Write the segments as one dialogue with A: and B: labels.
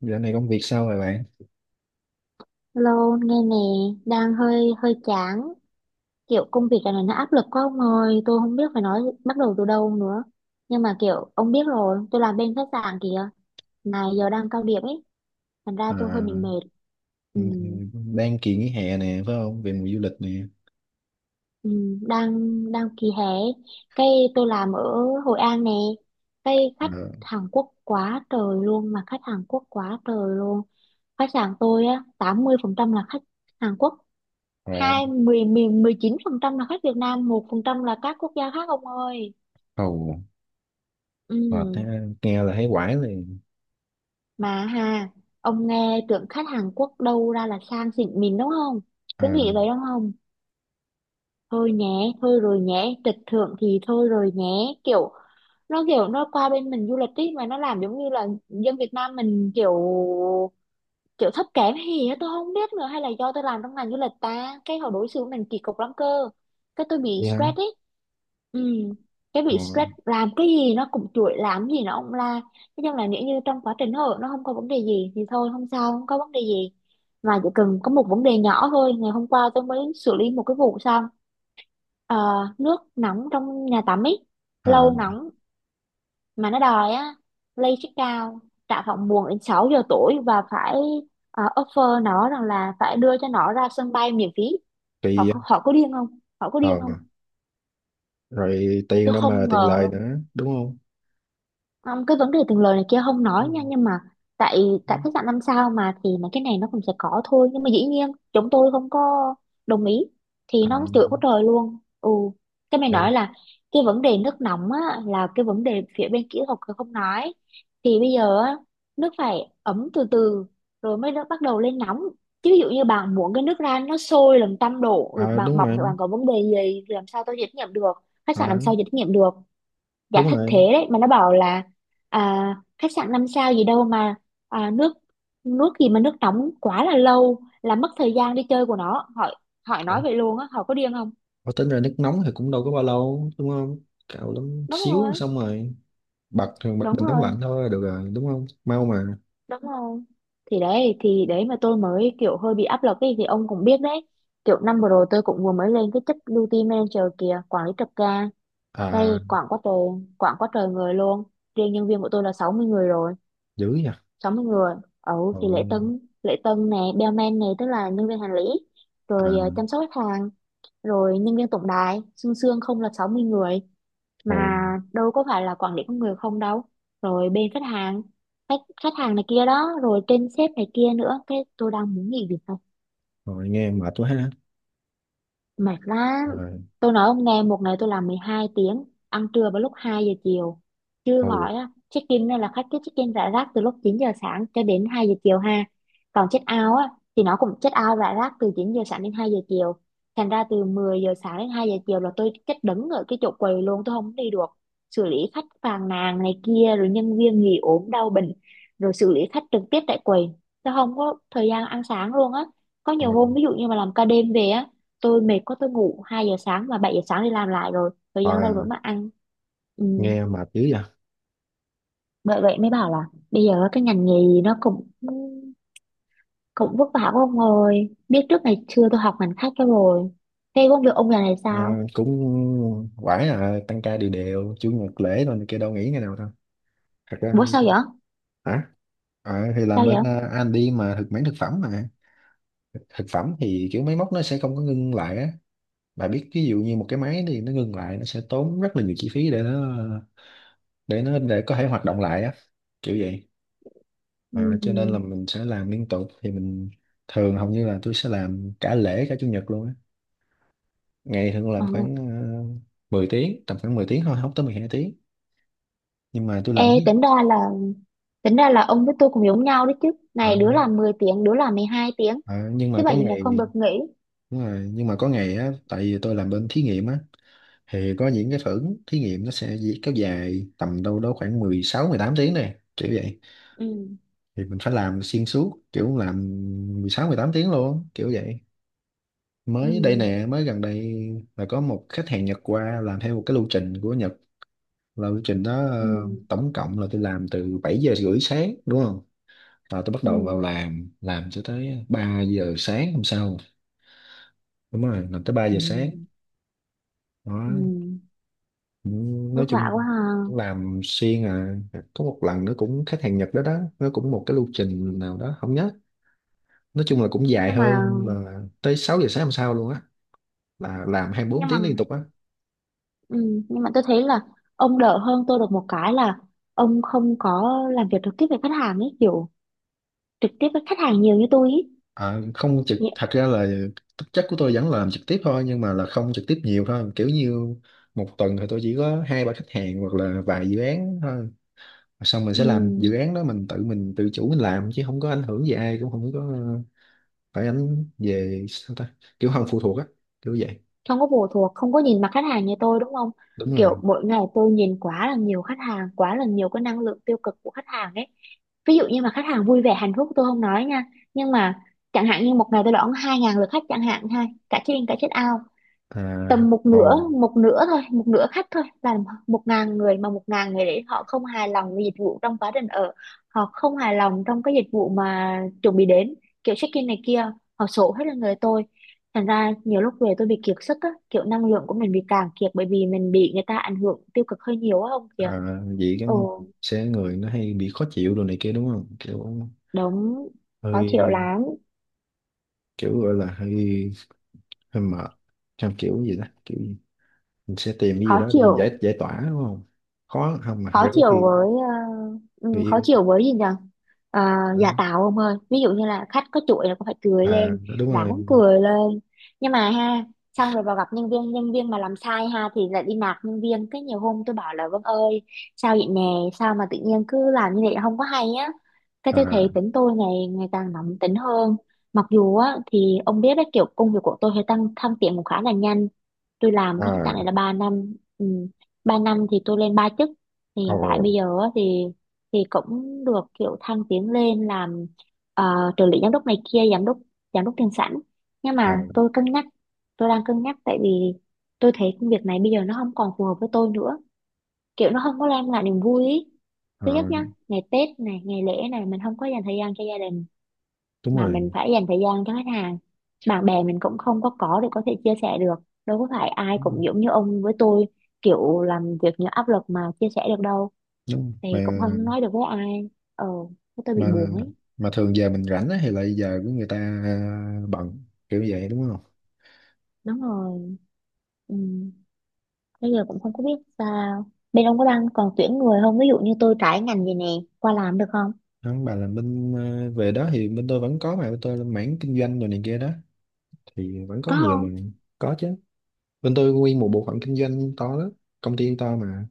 A: Dạo này công việc sao rồi bạn?
B: Hello, nghe nè, đang hơi hơi chán, kiểu công việc này nó áp lực quá ông ơi, tôi không biết phải nói bắt đầu từ đâu nữa. Nhưng mà kiểu ông biết rồi, tôi làm bên khách sạn kìa, mà giờ đang cao điểm ấy, thành ra
A: À,
B: tôi hơi bị mệt. Ừ,
A: ừ, đang kỳ nghỉ hè nè, phải không? Về mùa du lịch nè.
B: ừ, đang đang kỳ hè, cái tôi làm ở Hội An nè, cái khách
A: Ờ.
B: Hàn Quốc quá trời luôn, mà khách Hàn Quốc quá trời luôn. Khách sạn tôi á, 80% là khách Hàn Quốc,
A: Ờ.
B: hai mười miền 19% là khách Việt Nam, 1% là các quốc gia khác ông ơi.
A: Ồ.
B: Ừ,
A: Ờ, thế, nghe là thấy quải liền.
B: mà ha, ông nghe tưởng khách Hàn Quốc đâu ra là sang xịn mình đúng không? Cứ
A: À,
B: nghĩ vậy đúng không? Thôi nhé, thôi rồi nhé, trịch thượng thì thôi rồi nhé. Kiểu nó kiểu nó qua bên mình du lịch ý, mà nó làm giống như là dân Việt Nam mình kiểu kiểu thấp kém hay gì á, tôi không biết nữa. Hay là do tôi làm trong ngành du lịch ta, cái họ đối xử với mình kỳ cục lắm cơ, cái tôi bị
A: vậy hả?
B: stress ấy. Ừ, cái
A: Ờ,
B: bị stress làm cái gì nó cũng chuỗi, làm gì nó cũng la. Thế nhưng là nếu như trong quá trình hội nó không có vấn đề gì thì thôi, không sao, không có vấn đề gì. Mà chỉ cần có một vấn đề nhỏ thôi, ngày hôm qua tôi mới xử lý một cái vụ xong. Ờ, nước nóng trong nhà tắm ấy
A: à,
B: lâu nóng, mà nó đòi á lay check out tại phòng buồn đến 6 giờ tối và phải offer nó rằng là phải đưa cho nó ra sân bay miễn phí. Họ
A: kỳ á.
B: có, họ có điên không, họ có
A: ờ,
B: điên không?
A: Rồi tiền
B: Tôi
A: đâu mà
B: không
A: tiền
B: ngờ
A: lời
B: luôn.
A: nữa, đúng không?
B: Không, cái vấn đề tiền lời này kia không
A: Ừ.
B: nói nha, nhưng mà tại tại khách sạn 5 sao mà thì mấy cái này nó cũng sẽ có thôi, nhưng mà dĩ nhiên chúng tôi không có đồng ý thì
A: À,
B: nó chửi quá trời luôn. Ừ, cái mày
A: vậy.
B: nói là cái vấn đề nước nóng á là cái vấn đề phía bên kỹ thuật không nói. Thì bây giờ á, nước phải ấm từ từ rồi mới nó bắt đầu lên nóng, chứ ví dụ như bạn muốn cái nước ra nó sôi làm 100 độ rồi
A: À,
B: bạn
A: đúng
B: bỏng
A: rồi.
B: thì bạn có vấn đề gì thì làm sao tôi trách nhiệm được, khách
A: À,
B: sạn làm sao chịu trách nhiệm được. Dạ
A: đúng
B: thất
A: rồi.
B: thế đấy, mà nó bảo là, à, khách sạn 5 sao gì đâu mà, à, nước nước gì mà nước nóng quá là lâu là mất thời gian đi chơi của nó. Hỏi, hỏi
A: Ủa,
B: nói vậy luôn á, hỏi có điên không?
A: ủa, tính ra nước nóng thì cũng đâu có bao lâu, đúng không? Cạo lắm
B: Đúng
A: xíu
B: rồi,
A: xong rồi bật bật
B: đúng
A: bình nóng
B: rồi,
A: lạnh thôi là được rồi, đúng không? Mau mà.
B: đúng rồi, thì đấy mà tôi mới kiểu hơi bị áp lực ấy, thì ông cũng biết đấy, kiểu năm vừa rồi tôi cũng vừa mới lên cái chức duty manager kìa, quản lý trực ca đây.
A: À,
B: Quảng quá trời người luôn, riêng nhân viên của tôi là 60 người rồi,
A: dữ nhỉ.
B: sáu mươi người. Ừ, thì
A: Rồi.
B: lễ tân nè, bellman này, tức là nhân viên hành lý,
A: À.
B: rồi ờ, chăm sóc khách hàng, rồi nhân viên tổng đài xương xương không là 60 người. Mà
A: Hồ.
B: đâu có phải là quản lý con người không đâu, rồi bên khách hàng, khách khách hàng này kia đó, rồi trên sếp này kia nữa, cái tôi đang muốn nghỉ việc.
A: Rồi, nghe mệt quá ha.
B: Mệt lắm,
A: Rồi.
B: tôi nói ông nghe, một ngày tôi làm 12 tiếng, ăn trưa vào lúc 2 giờ chiều. Chứ
A: Hồ.
B: hỏi á, check in là khách cứ check in rải rác từ lúc 9 giờ sáng cho đến 2 giờ chiều ha. Còn check out á thì nó cũng check out rải rác từ 9 giờ sáng đến 2 giờ chiều. Thành ra từ 10 giờ sáng đến 2 giờ chiều là tôi chết đứng ở cái chỗ quầy luôn, tôi không đi được. Xử lý khách phàn nàn này kia, rồi nhân viên nghỉ ốm đau bệnh, rồi xử lý khách trực tiếp tại quầy, tôi không có thời gian ăn sáng luôn á. Có nhiều
A: Rồi.
B: hôm ví dụ như mà làm ca đêm về á, tôi mệt quá, tôi ngủ 2 giờ sáng và 7 giờ sáng đi làm lại, rồi thời gian
A: À,
B: đâu nữa mà ăn. Ừ.
A: nghe mệt dữ vậy.
B: Bởi vậy mới bảo là bây giờ cái ngành nghề nó cũng cũng vất vả quá ông ơi, biết trước ngày xưa tôi học ngành khác cho rồi. Thế công việc ông giờ này
A: À,
B: sao?
A: cũng quải, à, tăng ca đều đều chủ nhật lễ rồi này kia, đâu nghỉ ngày nào đâu. Thật ra.
B: Bố sao vậy?
A: Hả? À, thì làm
B: Sao
A: bên,
B: vậy?
A: à, anh đi mà thực mảng thực phẩm mà. Thực phẩm thì kiểu máy móc nó sẽ không có ngưng lại á. Bà biết ví dụ như một cái máy thì nó ngưng lại nó sẽ tốn rất là nhiều chi phí để nó, để nó để có thể hoạt động lại á, kiểu vậy. À, cho nên là
B: Ừ.
A: mình sẽ làm liên tục thì mình thường hầu như là tôi sẽ làm cả lễ cả chủ nhật luôn á. Ngày thường
B: Ờ.
A: làm khoảng uh, 10 tiếng, tầm khoảng 10 tiếng thôi, không tới 12 tiếng. Nhưng mà tôi
B: Ê,
A: làm thí,
B: tính ra là, tính ra là ông với tôi cũng giống nhau đấy chứ,
A: à,
B: này đứa làm 10 tiếng đứa làm 12 tiếng,
A: à, nhưng
B: thứ
A: mà có
B: bảy chủ nhật
A: ngày.
B: không được nghỉ.
A: Đúng rồi, nhưng mà có ngày á, tại vì tôi làm bên thí nghiệm á, thì có những cái thử thí nghiệm nó sẽ kéo dài tầm đâu đó khoảng 16-18 tiếng này, kiểu vậy.
B: Ừ.
A: Thì mình phải làm xuyên suốt, kiểu làm 16-18 tiếng luôn, kiểu vậy.
B: Ừ.
A: Mới đây nè, mới gần đây là có một khách hàng Nhật qua làm theo một cái lưu trình của Nhật, là lưu trình đó
B: Ừ.
A: tổng cộng là tôi làm từ 7:30 sáng đúng không, là tôi bắt đầu vào
B: Ừ.
A: làm cho tới 3 giờ sáng hôm sau. Đúng rồi, làm tới 3 giờ
B: Ừ.
A: sáng
B: Ừ.
A: đó. Cũng,
B: Vất
A: nói
B: vả
A: chung
B: quá ha.
A: cũng làm xuyên, à, có một lần nữa cũng khách hàng Nhật đó đó, nó cũng một cái lưu trình nào đó không nhớ, nói chung là cũng dài
B: Nhưng mà,
A: hơn, là tới 6 giờ sáng hôm sau luôn á, là làm 24
B: nhưng mà,
A: tiếng liên tục á.
B: ừ, nhưng mà tôi thấy là ông đỡ hơn tôi được một cái là ông không có làm việc trực tiếp với khách hàng ấy, kiểu trực tiếp với khách hàng nhiều như tôi ấy.
A: À, không trực,
B: Nhị-
A: thật ra là thực chất của tôi vẫn làm trực tiếp thôi, nhưng mà là không trực tiếp nhiều thôi, kiểu như một tuần thì tôi chỉ có hai ba khách hàng hoặc là vài dự án thôi. Xong mình
B: ừ,
A: sẽ làm dự án đó, mình tự chủ mình làm chứ không có ảnh hưởng gì ai, cũng không có phải ảnh về sao ta, kiểu không phụ thuộc á, kiểu vậy.
B: không có phụ thuộc, không có nhìn mặt khách hàng như tôi đúng không?
A: Đúng rồi.
B: Kiểu mỗi ngày tôi nhìn quá là nhiều khách hàng, quá là nhiều cái năng lượng tiêu cực của khách hàng ấy. Ví dụ như mà khách hàng vui vẻ hạnh phúc tôi không nói nha, nhưng mà chẳng hạn như một ngày tôi đón 2 ngàn lượt khách chẳng hạn ha, cả trên, out.
A: À.
B: Tầm một nửa,
A: Ồ.
B: một nửa thôi một nửa khách thôi là 1 ngàn người, mà 1 ngàn người đấy họ không hài lòng với dịch vụ trong quá trình ở, họ không hài lòng trong cái dịch vụ mà chuẩn bị đến, kiểu check in này kia, họ sổ hết là người tôi. Thành ra nhiều lúc về tôi bị kiệt sức á, kiểu năng lượng của mình bị cạn kiệt bởi vì mình bị người ta ảnh hưởng tiêu cực hơi nhiều á, không kìa.
A: À, vậy cái
B: Ồ,
A: sẽ người nó hay bị khó chịu đồ này kia đúng không, kiểu
B: đúng, khó chịu
A: hơi,
B: lắm,
A: kiểu gọi là hơi, hơi mệt trong kiểu gì đó, kiểu mình sẽ tìm cái gì
B: khó
A: đó để mình giải,
B: chịu.
A: giải tỏa đúng không. Khó không mà thật
B: Khó
A: ra có
B: chịu
A: khi
B: với ờ,
A: người
B: ừ, khó
A: yêu,
B: chịu với gì nhỉ? Ờ,
A: đó.
B: giả tạo ông ơi, ví dụ như là khách có chuỗi là cũng phải cười
A: À,
B: lên,
A: đúng rồi.
B: ráng cười lên. Nhưng mà ha, xong rồi vào gặp nhân viên, nhân viên mà làm sai ha thì lại đi nạt nhân viên, cái nhiều hôm tôi bảo là Vân ơi, sao vậy nè, sao mà tự nhiên cứ làm như vậy không có hay á. Cái tôi thấy
A: À.
B: tính tôi ngày ngày càng nóng tính hơn. Mặc dù á thì ông biết đấy, kiểu công việc của tôi hơi tăng thăng tiến cũng khá là nhanh, tôi làm cái khách sạn
A: À.
B: này là 3 năm. Ừ. 3 năm thì tôi lên ba chức, thì
A: Ồ.
B: hiện tại bây giờ á thì cũng được kiểu thăng tiến lên làm ờ, trợ lý giám đốc này kia, giám đốc, giám đốc tiền sảnh. Nhưng
A: À.
B: mà tôi cân nhắc, tôi đang cân nhắc tại vì tôi thấy công việc này bây giờ nó không còn phù hợp với tôi nữa, kiểu nó không có đem lại niềm vui ý.
A: À,
B: Thứ nhất nhá, ngày Tết này ngày lễ này mình không có dành thời gian cho gia đình,
A: đúng
B: mà
A: rồi.
B: mình phải dành thời gian cho khách hàng. Bạn bè mình cũng không có có để có thể chia sẻ được, đâu có phải ai
A: Ừ,
B: cũng giống như ông với tôi, kiểu làm việc những áp lực mà chia sẻ được đâu,
A: đúng
B: thì
A: mà.
B: cũng không nói được với ai. Ờ, cái tôi bị
A: mà
B: buồn ấy.
A: mà thường giờ mình rảnh á thì lại giờ của người ta, à, bận kiểu vậy đúng không.
B: Đúng rồi. Ừ. Bây giờ cũng không có biết sao, bên ông có đang còn tuyển người không? Ví dụ như tôi trải ngành vậy nè qua làm được không?
A: Không, bà là bên, à, về đó thì bên tôi vẫn có, mà bên tôi là mảng kinh doanh rồi này kia đó, thì vẫn có
B: Có
A: nhiều mà.
B: không?
A: Có chứ. Bên tôi nguyên một bộ phận kinh doanh to lắm, công ty to mà.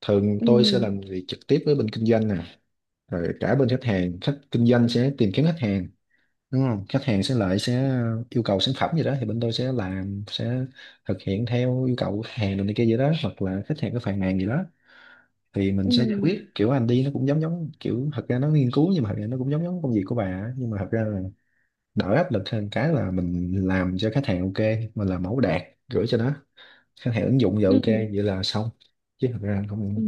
A: Thường
B: Ừ.
A: tôi sẽ làm việc trực tiếp với bên kinh doanh nè, rồi cả bên khách hàng, khách kinh doanh sẽ tìm kiếm khách hàng đúng không, khách hàng sẽ lại sẽ yêu cầu sản phẩm gì đó thì bên tôi sẽ làm, sẽ thực hiện theo yêu cầu của khách hàng rồi này kia gì đó, hoặc là khách hàng có phàn nàn gì đó thì mình
B: Ừ.
A: sẽ giải quyết, kiểu anh đi nó cũng giống giống, kiểu thật ra nó nghiên cứu, nhưng mà thật ra nó cũng giống giống công việc của bà á. Nhưng mà thật ra là đỡ áp lực hơn, cái là mình làm cho khách hàng ok, mình làm mẫu đạt, gửi cho nó, khách hàng ứng dụng giờ
B: Ừ.
A: ok vậy là xong. Chứ thật ra không,
B: Ừ.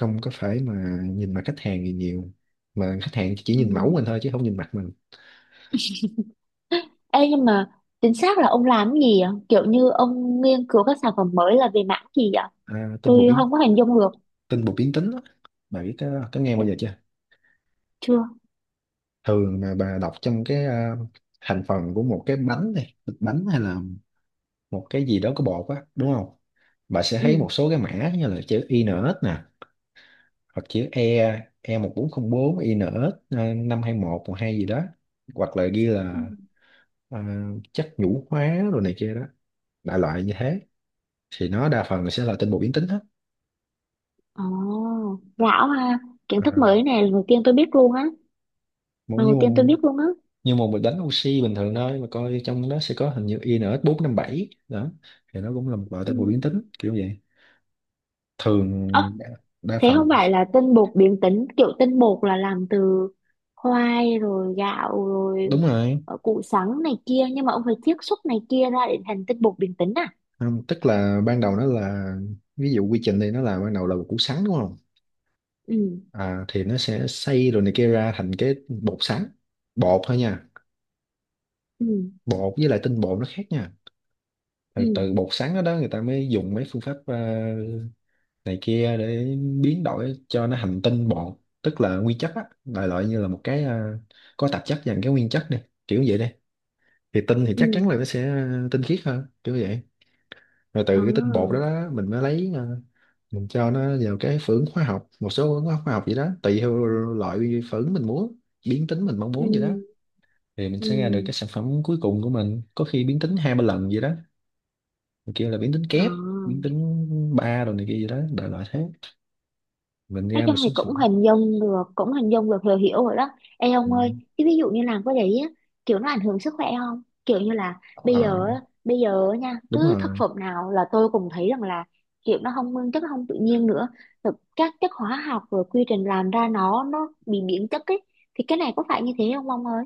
A: không có phải mà nhìn mặt khách hàng gì nhiều, mà khách hàng chỉ nhìn mẫu
B: Ừ.
A: mình thôi chứ không nhìn mặt mình.
B: Ê, nhưng mà chính xác là ông làm cái gì ạ, kiểu như ông nghiên cứu các sản phẩm mới là về mảng gì ạ?
A: À,
B: Tôi không có hình dung được.
A: tin bột biến tính đó. Bà biết có nghe bao giờ chưa?
B: Chưa.
A: Thường mà bà đọc trong cái, à, thành phần của một cái bánh này, thịt bánh hay là một cái gì đó có bột á đúng không, bà sẽ thấy một
B: Ừ.
A: số cái mã như là chữ INS nè, hoặc chữ E, E1404, một bốn không INS, à, 52112 gì đó, hoặc là ghi
B: Ừ.
A: là, à, chất nhũ hóa rồi này kia đó, đại loại như thế, thì nó đa phần là sẽ là tinh bột biến tính hết.
B: Ồ, lão ha, kiến thức
A: À.
B: mới này, lần đầu tiên tôi biết luôn á,
A: Mỗi
B: lần
A: như
B: đầu tiên tôi
A: một,
B: biết luôn á.
A: như một bịch bánh oxy bình thường thôi mà coi trong đó sẽ có hình như INX457 đó, thì nó cũng là một loại tế bào biến tính kiểu vậy,
B: Ừ.
A: thường đa đa
B: Thế không
A: phần
B: phải là tinh bột biến tính, kiểu tinh bột là làm từ khoai rồi gạo rồi
A: Đúng rồi.
B: ờ, củ sắn này kia, nhưng mà ông phải chiết xuất này kia ra để thành tinh bột biến tính à?
A: Không, tức là ban đầu nó là, ví dụ quy trình thì nó là ban đầu là một củ sắn đúng không,
B: Ừ.
A: à, thì nó sẽ xay rồi này kia ra thành cái bột sắn, bột thôi nha,
B: Ừ.
A: bột với lại tinh bột nó khác nha. Rồi
B: Ừ.
A: từ bột sắn đó, đó người ta mới dùng mấy phương pháp này kia để biến đổi cho nó thành tinh bột, tức là nguyên chất á, đại loại như là một cái có tạp chất dành cái nguyên chất này, kiểu vậy đi, thì tinh thì chắc
B: Ừ.
A: chắn là nó sẽ tinh khiết hơn kiểu vậy. Rồi từ
B: Ờ.
A: cái tinh bột đó, đó mình mới lấy, mình cho nó vào cái phưởng hóa học, một số phưởng hóa học vậy đó, tùy theo loại phưởng mình muốn biến tính mình mong
B: Ừ.
A: muốn vậy đó, thì mình
B: Ừ.
A: sẽ ra được cái sản phẩm cuối cùng của mình, có khi biến tính hai ba lần vậy đó, mình kêu là biến tính
B: Ờ.
A: kép, biến tính ba rồi này kia gì đó, đại loại thế, mình
B: Nói
A: ra một
B: chung thì
A: số sản
B: cũng hình dung được, cũng hình dung được, hiểu hiểu rồi đó. Ê ông
A: phẩm.
B: ơi, chứ ví dụ như làm cái đấy á, kiểu nó ảnh hưởng sức khỏe không, kiểu như là
A: Ờ,
B: bây giờ á nha,
A: đúng
B: cứ thực
A: rồi.
B: phẩm nào là tôi cũng thấy rằng là kiểu nó không nguyên chất, nó không tự nhiên nữa, rồi các chất hóa học rồi quy trình làm ra nó bị biến chất ấy, thì cái này có phải như thế không ông ơi?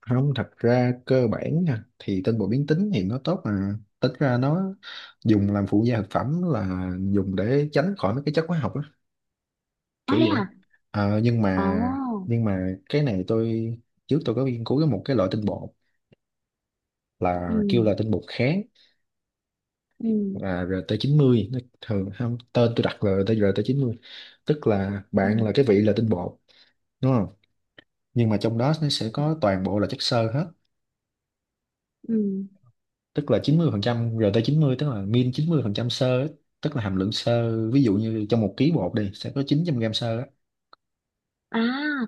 A: Không thật ra cơ bản nha, thì tinh bột biến tính thì nó tốt, mà tính ra nó dùng làm phụ gia thực phẩm là dùng để tránh khỏi mấy cái chất hóa học á, kiểu
B: Nói đấy hả?
A: vậy. Ờ, nhưng mà,
B: Ồ.
A: nhưng mà cái này tôi trước tôi có nghiên cứu cái một cái loại tinh bột, là kêu
B: Ừ.
A: là tinh bột kháng,
B: Ừ.
A: là RT90, nó thường không tên, tôi đặt là RT90, tức là
B: Ừ.
A: bạn là cái vị là tinh bột đúng không, nhưng mà trong đó nó sẽ có
B: Ừ.
A: toàn bộ là chất xơ hết,
B: Ừ.
A: tức là 90% chín mươi, tức là min 90% xơ á, tức là hàm lượng xơ ví dụ như trong một ký bột đi sẽ có 900 gram xơ á,
B: À,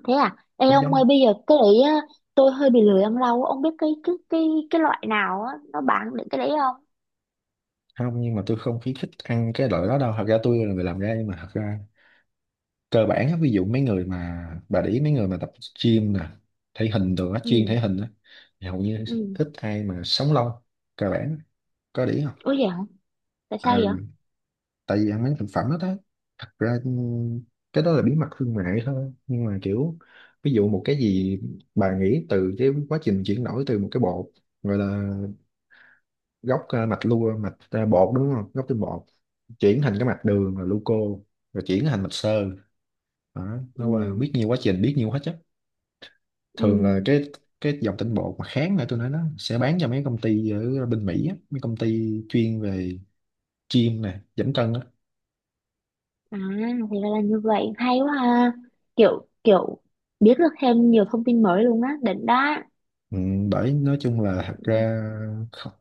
B: thế à? Ê
A: giống
B: ông
A: giống.
B: ơi, bây giờ cái đấy á, tôi hơi bị lười ăn rau á. Ông biết cái loại nào á nó bán được cái đấy không?
A: Không nhưng mà tôi không khuyến khích ăn cái loại đó đâu, thật ra tôi là người làm ra, nhưng mà thật ra cơ bản á, ví dụ mấy người mà bà để ý mấy người mà tập gym nè, thể hình đồ á, chuyên
B: Ừ.
A: thể hình á, thì hầu như
B: Ừ.
A: ít ai mà sống lâu, cơ bản á. Có để ý không?
B: Ủa vậy hả? Tại
A: Ờ,
B: sao vậy?
A: tại vì ăn mấy thực phẩm đó đó, thật ra cái đó là bí mật thương mại thôi, nhưng mà kiểu ví dụ một cái gì bà nghĩ từ cái quá trình chuyển đổi từ một cái bột gọi là gốc, mạch lua mạch bột đúng không, gốc tinh bột chuyển thành cái mạch đường là gluco, rồi chuyển thành mạch xơ đó, nó qua
B: Ừ.
A: biết nhiều quá trình, biết nhiều hết á. Thường là
B: Ừ.
A: cái dòng tinh bột mà kháng lại tôi nói nó sẽ bán cho mấy công ty ở bên Mỹ á, mấy công ty chuyên về gym nè, giảm cân á.
B: À, thì ra là như vậy, hay quá ha. Kiểu kiểu biết được thêm nhiều thông tin mới luôn á, đỉnh đó.
A: Ừ, bởi nói chung là thật ra, không,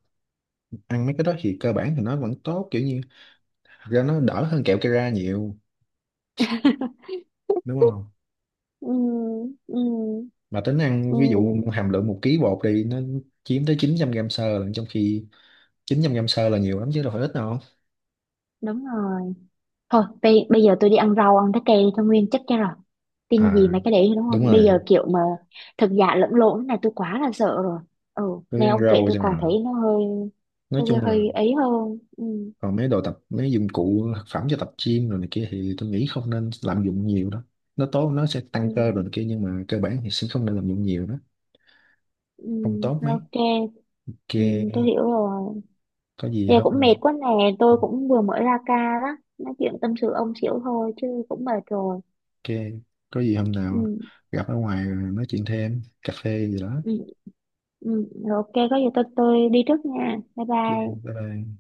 A: ăn mấy cái đó thì cơ bản thì nó vẫn tốt, kiểu như thật ra nó đỡ hơn kẹo Kera nhiều, đúng không,
B: Ừ. Ừ.
A: mà tính ăn
B: Ừ.
A: ví dụ hàm lượng một ký bột thì nó chiếm tới 900 gram xơ lận, trong khi 900 gram xơ là nhiều lắm chứ đâu phải ít đâu.
B: Đúng rồi. Thôi bây giờ tôi đi ăn rau ăn trái cây đi cho nguyên chất cho rồi, tin gì
A: À,
B: mà cái đấy đúng không,
A: đúng
B: bây
A: rồi.
B: giờ kiểu mà thật giả lẫn lộn thế này tôi quá là sợ rồi. Ừ.
A: Cứ
B: Nghe
A: ăn
B: ông kể
A: rau
B: tôi
A: cho
B: còn
A: rồi.
B: thấy nó hơi,
A: Nói chung là
B: hơi ấy hơn. Ừ,
A: còn mấy đồ tập, mấy dụng cụ thực phẩm cho tập gym rồi này kia thì tôi nghĩ không nên lạm dụng nhiều đó, nó tốt, nó sẽ tăng cơ rồi
B: ừ,
A: này kia, nhưng mà cơ bản thì sẽ không nên lạm dụng nhiều đó,
B: ừ,
A: không tốt mấy.
B: ok.
A: Ok.
B: Ừ, tôi hiểu rồi.
A: Có gì
B: Giờ
A: không.
B: cũng mệt quá nè, tôi cũng vừa mới ra ca đó, nói chuyện tâm sự ông xỉu thôi chứ cũng mệt rồi.
A: Ok, có gì hôm
B: Ừ,
A: nào gặp ở ngoài rồi nói chuyện thêm, cà phê gì đó.
B: ừ, ừ, rồi, ok, có gì tôi đi trước nha, bye
A: Ok, bye
B: bye.
A: bye.